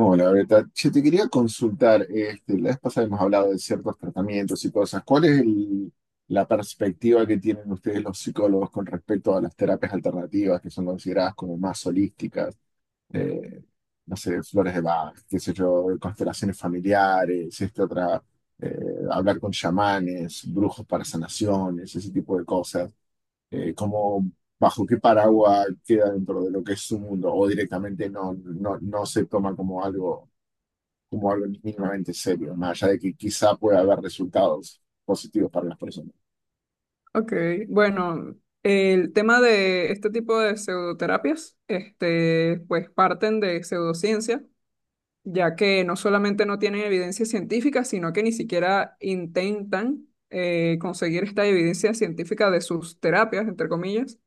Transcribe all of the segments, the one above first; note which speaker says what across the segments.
Speaker 1: Hola, Beta. Che, te quería consultar, la vez pasada hemos hablado de ciertos tratamientos y cosas. ¿La perspectiva que tienen ustedes los psicólogos con respecto a las terapias alternativas que son consideradas como más holísticas? Eh, no sé, flores de Bach, qué sé yo, constelaciones familiares, eh, hablar con chamanes, brujos para sanaciones, ese tipo de cosas. Eh, ¿cómo, bajo qué paraguas queda dentro de lo que es su mundo, o directamente no se toma como algo mínimamente serio, más allá de que quizá pueda haber resultados positivos para las personas.
Speaker 2: Ok, bueno, el tema de este tipo de pseudoterapias, este, pues parten de pseudociencia ya que no solamente no tienen evidencia científica, sino que ni siquiera intentan conseguir esta evidencia científica de sus terapias, entre comillas.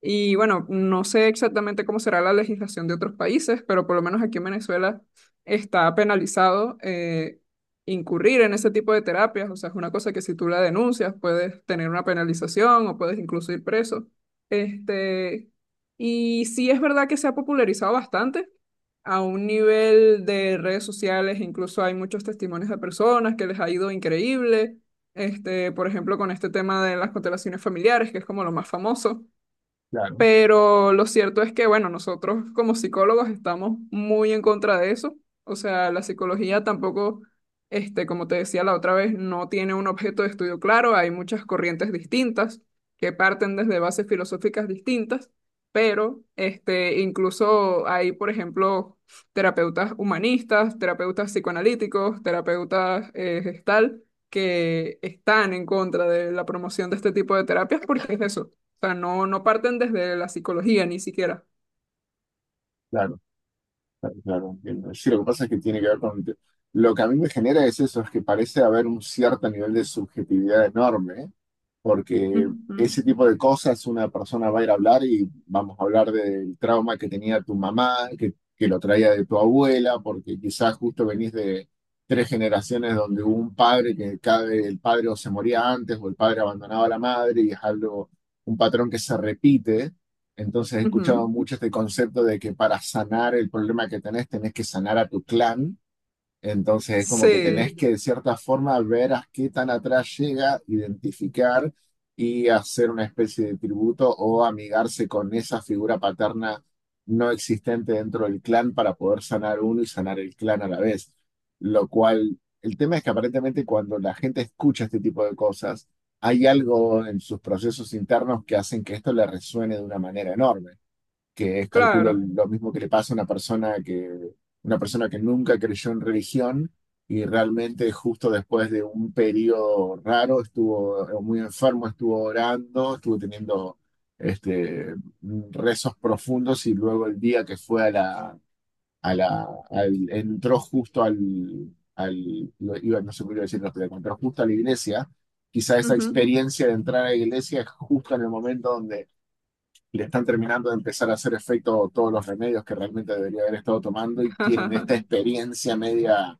Speaker 2: Y bueno, no sé exactamente cómo será la legislación de otros países, pero por lo menos aquí en Venezuela está penalizado incurrir en ese tipo de terapias. O sea, es una cosa que si tú la denuncias puedes tener una penalización o puedes incluso ir preso. Este, y sí es verdad que se ha popularizado bastante a un nivel de redes sociales, incluso hay muchos testimonios de personas que les ha ido increíble, este, por ejemplo, con este tema de las constelaciones familiares, que es como lo más famoso.
Speaker 1: Claro,
Speaker 2: Pero lo cierto es que, bueno, nosotros como psicólogos estamos muy en contra de eso. O sea, la psicología tampoco, este, como te decía la otra vez, no tiene un objeto de estudio claro. Hay muchas corrientes distintas que parten desde bases filosóficas distintas, pero este, incluso hay, por ejemplo, terapeutas humanistas, terapeutas psicoanalíticos, terapeutas gestal, que están en contra de la promoción de este tipo de terapias porque es eso sea, no, no parten desde la psicología ni siquiera.
Speaker 1: claro, claro, claro, entiendo. Sí, lo que pasa es que tiene que ver con... Lo que a mí me genera es eso, es que parece haber un cierto nivel de subjetividad enorme porque ese
Speaker 2: Ujú,
Speaker 1: tipo de cosas una persona va a ir a hablar y vamos a hablar del trauma que tenía tu mamá, que lo traía de tu abuela, porque quizás justo venís de tres generaciones donde hubo un padre que cada vez el padre o se moría antes o el padre abandonaba a la madre y es algo, un patrón que se repite. Entonces he escuchado
Speaker 2: ujú.
Speaker 1: mucho este concepto de que para sanar el problema que tenés, tenés que sanar a tu clan. Entonces es como que tenés.
Speaker 2: Sí,
Speaker 1: Sí. Que de cierta forma ver a qué tan atrás llega, identificar y hacer una especie de tributo o amigarse con esa figura paterna no existente dentro del clan para poder sanar uno y sanar el clan a la vez. Lo cual, el tema es que aparentemente cuando la gente escucha este tipo de cosas, hay algo en sus procesos internos que hacen que esto le resuene de una manera enorme que es, calculo,
Speaker 2: claro.
Speaker 1: lo mismo que le pasa a una persona que nunca creyó en religión y realmente justo después de un periodo raro estuvo muy enfermo, estuvo orando, estuvo teniendo este, rezos profundos y luego el día que fue entró justo iba, no sé cómo iba a decirlo, pero entró justo a la iglesia. Quizá esa
Speaker 2: Ujú.
Speaker 1: experiencia de entrar a la iglesia es justo en el momento le están terminando de empezar a hacer efecto todos los remedios que realmente debería haber estado tomando y tienen esta experiencia media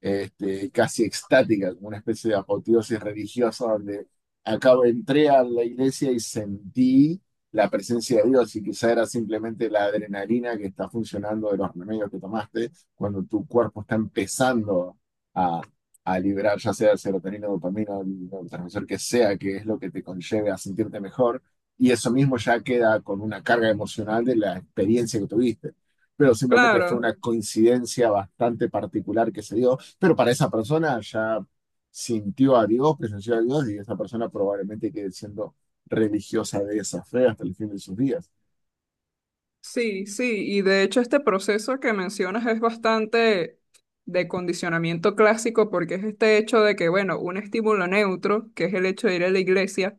Speaker 1: casi extática, como una especie de apoteosis religiosa donde acabo, entré a la iglesia y sentí la presencia de Dios y quizá era simplemente la adrenalina que está funcionando de los remedios que tomaste cuando tu cuerpo está empezando a, a liberar ya sea serotonina, dopamina, el neurotransmisor que sea, que es lo que te conlleve a sentirte mejor. Y eso mismo ya queda con una carga emocional de la experiencia que tuviste. Pero simplemente fue
Speaker 2: Claro,
Speaker 1: una coincidencia bastante particular que se dio, pero para esa persona ya sintió a Dios, presenció a Dios y esa persona probablemente quede siendo religiosa de esa fe hasta el fin de sus días.
Speaker 2: sí, sí. Y de hecho este proceso que mencionas es bastante de condicionamiento clásico porque es este hecho de que, bueno, un estímulo neutro, que es el hecho de ir a la iglesia,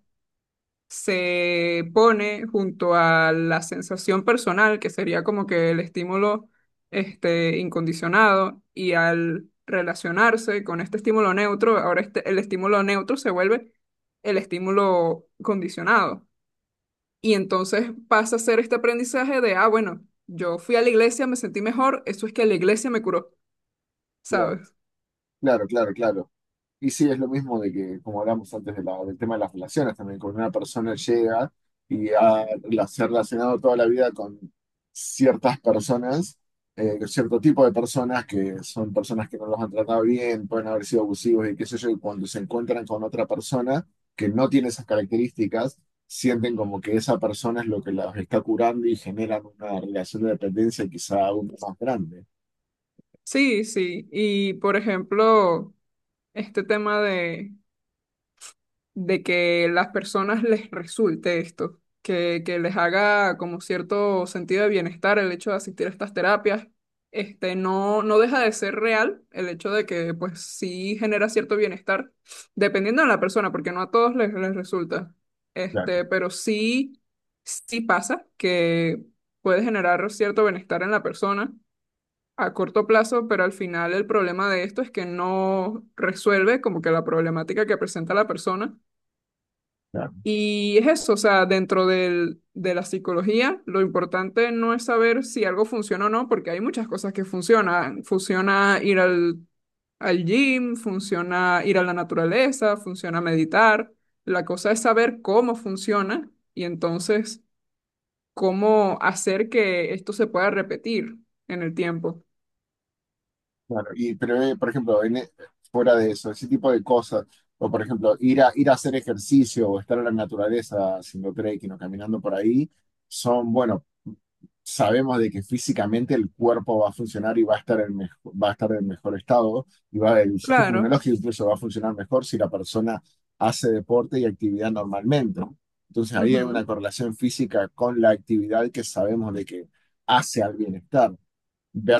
Speaker 2: se pone junto a la sensación personal, que sería como que el estímulo este, incondicionado, y al relacionarse con este estímulo neutro, ahora este, el estímulo neutro se vuelve el estímulo condicionado. Y entonces pasa a ser este aprendizaje de, ah, bueno, yo fui a la iglesia, me sentí mejor, eso es que la iglesia me curó,
Speaker 1: Claro,
Speaker 2: ¿sabes?
Speaker 1: claro, claro, claro. Y sí, es lo mismo de que, como hablamos antes del tema de las relaciones también, cuando una persona llega y se ha relacionado toda la vida con ciertas personas, con cierto tipo de personas que son personas que no los han tratado bien, pueden haber sido abusivos y qué sé yo, y cuando se encuentran con otra persona que no tiene esas características, sienten como que esa persona es lo que los está curando y generan una relación de dependencia quizá aún más grande.
Speaker 2: Sí, sí. Y por ejemplo, este tema de que las personas les resulte esto, que les haga como cierto sentido de bienestar el hecho de asistir a estas terapias. Este, no, no deja de ser real el hecho de que pues sí genera cierto bienestar, dependiendo de la persona, porque no a todos les resulta.
Speaker 1: Claro,
Speaker 2: Este, pero sí, sí pasa que puede generar cierto bienestar en la persona a corto plazo, pero al final el problema de esto es que no resuelve como que la problemática que presenta la persona
Speaker 1: claro.
Speaker 2: y es eso, o sea, dentro de la psicología, lo importante no es saber si algo funciona o no, porque hay muchas cosas que funcionan. Funciona ir al gym, funciona ir a la naturaleza, funciona meditar. La cosa es saber cómo funciona y entonces cómo hacer que esto se pueda repetir en el tiempo.
Speaker 1: Claro, y, pero, por ejemplo, fuera de eso, ese tipo de cosas, o por ejemplo, ir a hacer ejercicio o estar en la naturaleza haciendo trekking o caminando por ahí, son, bueno, sabemos de que físicamente el cuerpo va a funcionar y va a estar en va a estar en mejor estado, y va, el sistema
Speaker 2: Claro.
Speaker 1: inmunológico incluso va a funcionar mejor si la persona hace deporte y actividad normalmente. Entonces ahí hay una
Speaker 2: Ujú,
Speaker 1: correlación física con la actividad que sabemos de que hace al bienestar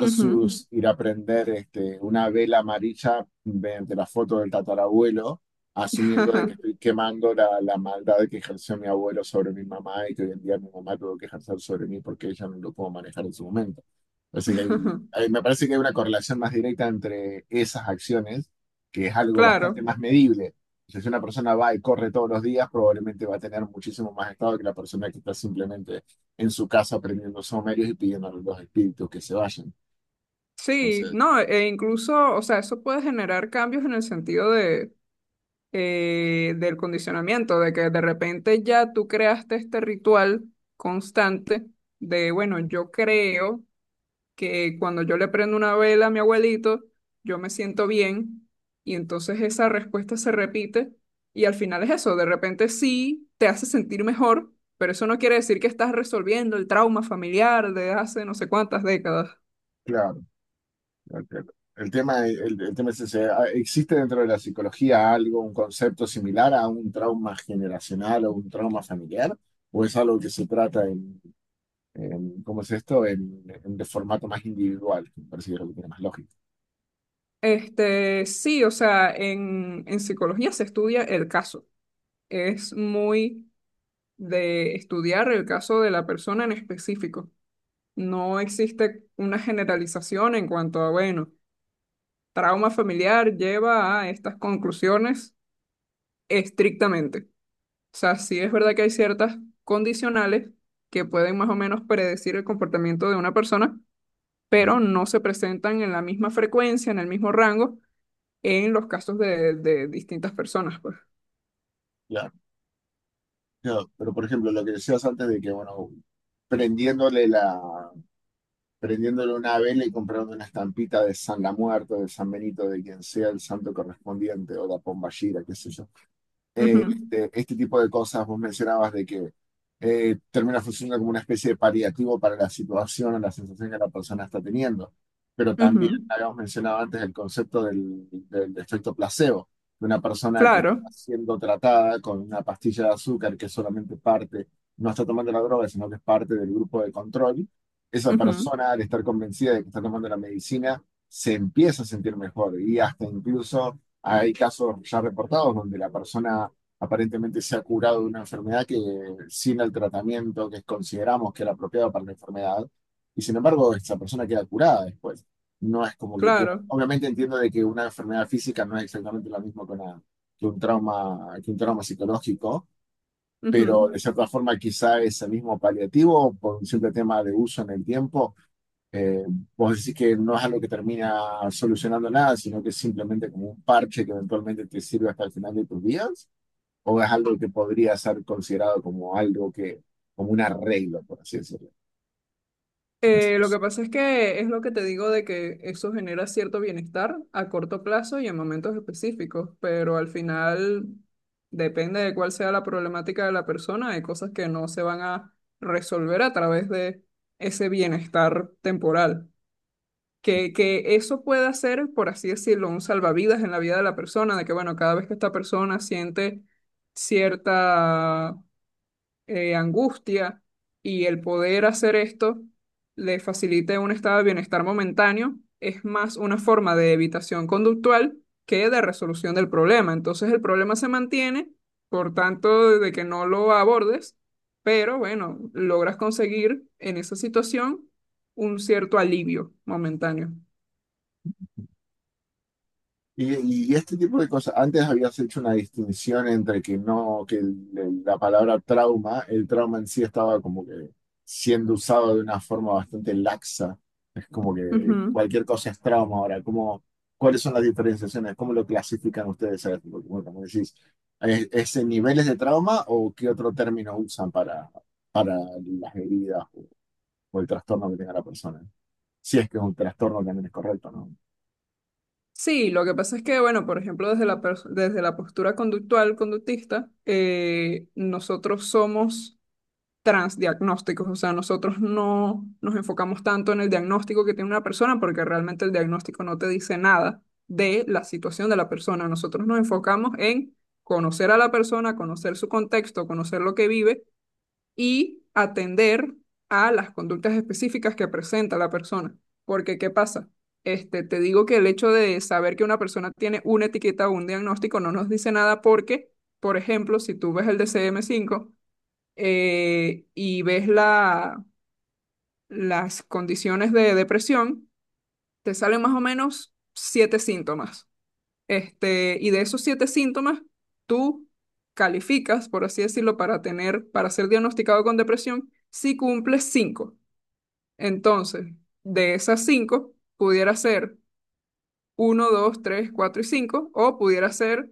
Speaker 2: ujú.
Speaker 1: ir a prender una vela amarilla mediante la foto del tatarabuelo, asumiendo de que estoy quemando la maldad que ejerció mi abuelo sobre mi mamá y que hoy en día mi mamá tuvo que ejercer sobre mí porque ella no lo pudo manejar en su momento. Así que me parece que hay una correlación más directa entre esas acciones, que es algo bastante
Speaker 2: Claro.
Speaker 1: más medible. O sea, si una persona va y corre todos los días, probablemente va a tener muchísimo más estado que la persona que está simplemente en su casa prendiendo sumerios y pidiendo a los espíritus que se vayan.
Speaker 2: Sí,
Speaker 1: Entonces,
Speaker 2: no, e incluso, o sea, eso puede generar cambios en el sentido de, del condicionamiento, de que de repente ya tú creaste este ritual constante de, bueno, yo creo que cuando yo le prendo una vela a mi abuelito, yo me siento bien, y entonces esa respuesta se repite, y al final es eso, de repente sí te hace sentir mejor, pero eso no quiere decir que estás resolviendo el trauma familiar de hace no sé cuántas décadas.
Speaker 1: claro, entiendo. El tema es ese. Ah, ¿existe dentro de la psicología algo, un concepto similar a un trauma generacional o un trauma familiar? ¿O es algo que se trata ¿cómo es esto? En de formato más individual, que me parece que es lo que tiene más lógica.
Speaker 2: Este, sí, o sea, en psicología se estudia el caso. Es muy de estudiar el caso de la persona en específico. No existe una generalización en cuanto a, bueno, trauma familiar lleva a estas conclusiones estrictamente. O sea, sí es verdad que hay ciertas condicionales que pueden más o menos predecir el comportamiento de una persona,
Speaker 1: Ujú.
Speaker 2: pero no se presentan en la misma frecuencia, en el mismo rango, en los casos de distintas personas, pues.
Speaker 1: Claro, claro. Pero por ejemplo, lo que decías antes de que, bueno, prendiéndole la, prendiéndole una vela y comprando una estampita de San La Muerte, de San Benito, de quien sea el santo correspondiente, o la Pomballera, qué sé yo,
Speaker 2: Ujú,
Speaker 1: este tipo de cosas, vos mencionabas de que termina funcionando como una especie de paliativo para la situación o la sensación que la persona está teniendo. Pero
Speaker 2: ujú,
Speaker 1: también habíamos mencionado antes el concepto del efecto placebo, de una persona que
Speaker 2: claro,
Speaker 1: está siendo tratada con una pastilla de azúcar que es solamente parte, no está tomando la droga, sino que es parte del grupo de control. Esa
Speaker 2: ujú,
Speaker 1: persona, al estar convencida de que está tomando la medicina, se empieza a sentir mejor y hasta incluso hay casos ya reportados donde la persona aparentemente se ha curado de una enfermedad que sin el tratamiento que consideramos que era apropiado para la enfermedad, y sin embargo esa persona queda curada después. No es como que queda...
Speaker 2: claro.
Speaker 1: Obviamente entiendo de que una enfermedad física no es exactamente lo mismo que, que un trauma psicológico, pero
Speaker 2: Ujú.
Speaker 1: de cierta forma quizá es el mismo paliativo por un simple tema de uso en el tiempo. eh, Vos decís que no es algo que termina solucionando nada, sino que es simplemente como un parche que eventualmente te sirve hasta el final de tus días, o es algo que podría ser considerado como algo que, como un arreglo, por así decirlo.
Speaker 2: Lo que pasa es que es lo que te digo de que eso genera cierto bienestar a corto plazo y en momentos específicos, pero al final depende de cuál sea la problemática de la persona, hay cosas que no se van a resolver a través de ese bienestar temporal. Que eso pueda ser, por así decirlo, un salvavidas en la vida de la persona, de que bueno, cada vez que esta persona siente cierta angustia y el poder hacer esto le facilite un estado de bienestar momentáneo, es más una forma de evitación conductual que de resolución del problema. Entonces el problema se mantiene, por tanto, de que no lo abordes, pero bueno, logras conseguir en esa situación un cierto alivio momentáneo.
Speaker 1: Y este tipo de cosas, antes habías hecho una distinción entre que no, que la palabra trauma, el trauma en sí estaba como que siendo usado de una forma bastante laxa. Es como que
Speaker 2: Ujú.
Speaker 1: cualquier cosa es trauma ahora. ¿Cómo, cuáles son las diferenciaciones? ¿Cómo lo clasifican ustedes a esto? Bueno, como decís, ¿es en niveles de trauma o qué otro término usan para las heridas o el trastorno que tenga la persona? Si es que es un trastorno también es correcto, ¿no?
Speaker 2: Sí, lo que pasa es que, bueno, por ejemplo, desde la postura conductual, conductista, nosotros somos transdiagnósticos, o sea, nosotros no nos enfocamos tanto en el diagnóstico que tiene una persona porque realmente el diagnóstico no te dice nada de la situación de la persona. Nosotros nos enfocamos en conocer a la persona, conocer su contexto, conocer lo que vive y atender a las conductas específicas que presenta la persona. Porque, ¿qué pasa? Este, te digo que el hecho de saber que una persona tiene una etiqueta o un diagnóstico no nos dice nada porque, por ejemplo, si tú ves el DCM5, y ves las condiciones de depresión, te salen más o menos siete síntomas. Este, y de esos siete síntomas, tú calificas, por así decirlo, para tener, para ser diagnosticado con depresión si cumples cinco. Entonces, de esas cinco, pudiera ser uno, dos, tres, 4 y 5 o pudiera ser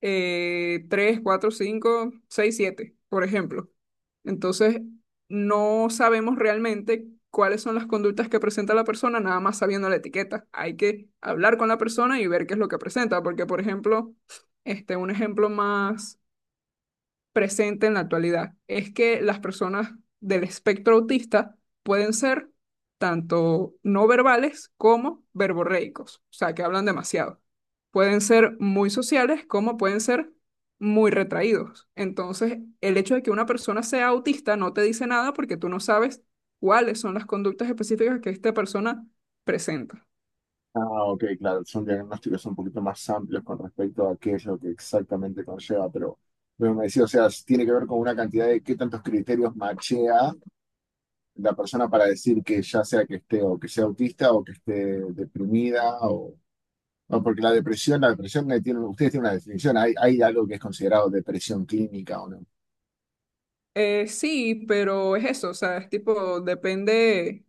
Speaker 2: 3, 4, 5, 6, 7, por ejemplo. Entonces, no sabemos realmente cuáles son las conductas que presenta la persona, nada más sabiendo la etiqueta. Hay que hablar con la persona y ver qué es lo que presenta, porque, por ejemplo, este, un ejemplo más presente en la actualidad, es que las personas del espectro autista pueden ser tanto no verbales como verborreicos, o sea, que hablan demasiado. Pueden ser muy sociales como pueden ser muy retraídos. Entonces, el hecho de que una persona sea autista no te dice nada porque tú no sabes cuáles son las conductas específicas que esta persona presenta.
Speaker 1: Ah, ok, claro, son diagnósticos un poquito más amplios con respecto a qué es lo que exactamente conlleva, pero me decía, o sea, tiene que ver con una cantidad de qué tantos criterios machea la persona para decir que ya sea que esté o que sea autista o que esté deprimida o... No, porque la depresión tiene, ustedes tienen una definición, hay algo que es considerado depresión clínica o no,
Speaker 2: Sí, pero es eso, o sea, es tipo, depende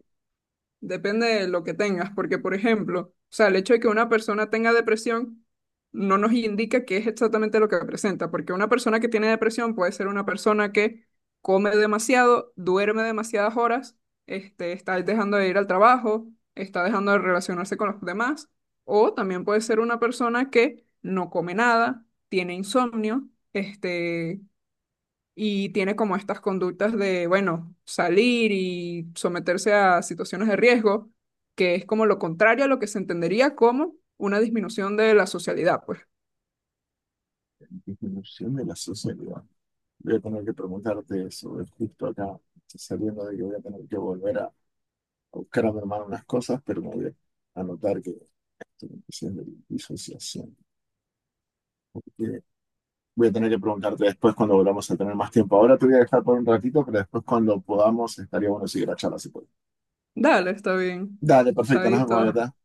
Speaker 2: Depende de lo que tengas, porque por ejemplo, o sea, el hecho de que una persona tenga depresión no nos indica qué es exactamente lo que presenta, porque una persona que tiene depresión puede ser una persona que come demasiado, duerme demasiadas horas, este, está dejando de ir al trabajo, está dejando de relacionarse con los demás, o también puede ser una persona que no come nada, tiene insomnio, este, y tiene como estas conductas de, bueno, salir y someterse a situaciones de riesgo, que es como lo contrario a lo que se entendería como una disminución de la socialidad, pues.
Speaker 1: disminución de la sociedad. Voy a tener que preguntarte eso, es justo acá, sabiendo de que voy a tener que volver buscar a mi hermano unas cosas, pero me voy a anotar que estoy en presión de disociación. Eh, Voy a tener que preguntarte después cuando volvamos a tener más tiempo. Ahora te voy a dejar por un ratito, pero después cuando podamos estaría bueno seguir la charla si puedes.
Speaker 2: Dale, está bien.
Speaker 1: Dale, perfecto, nos vemos
Speaker 2: Chaito.
Speaker 1: acá.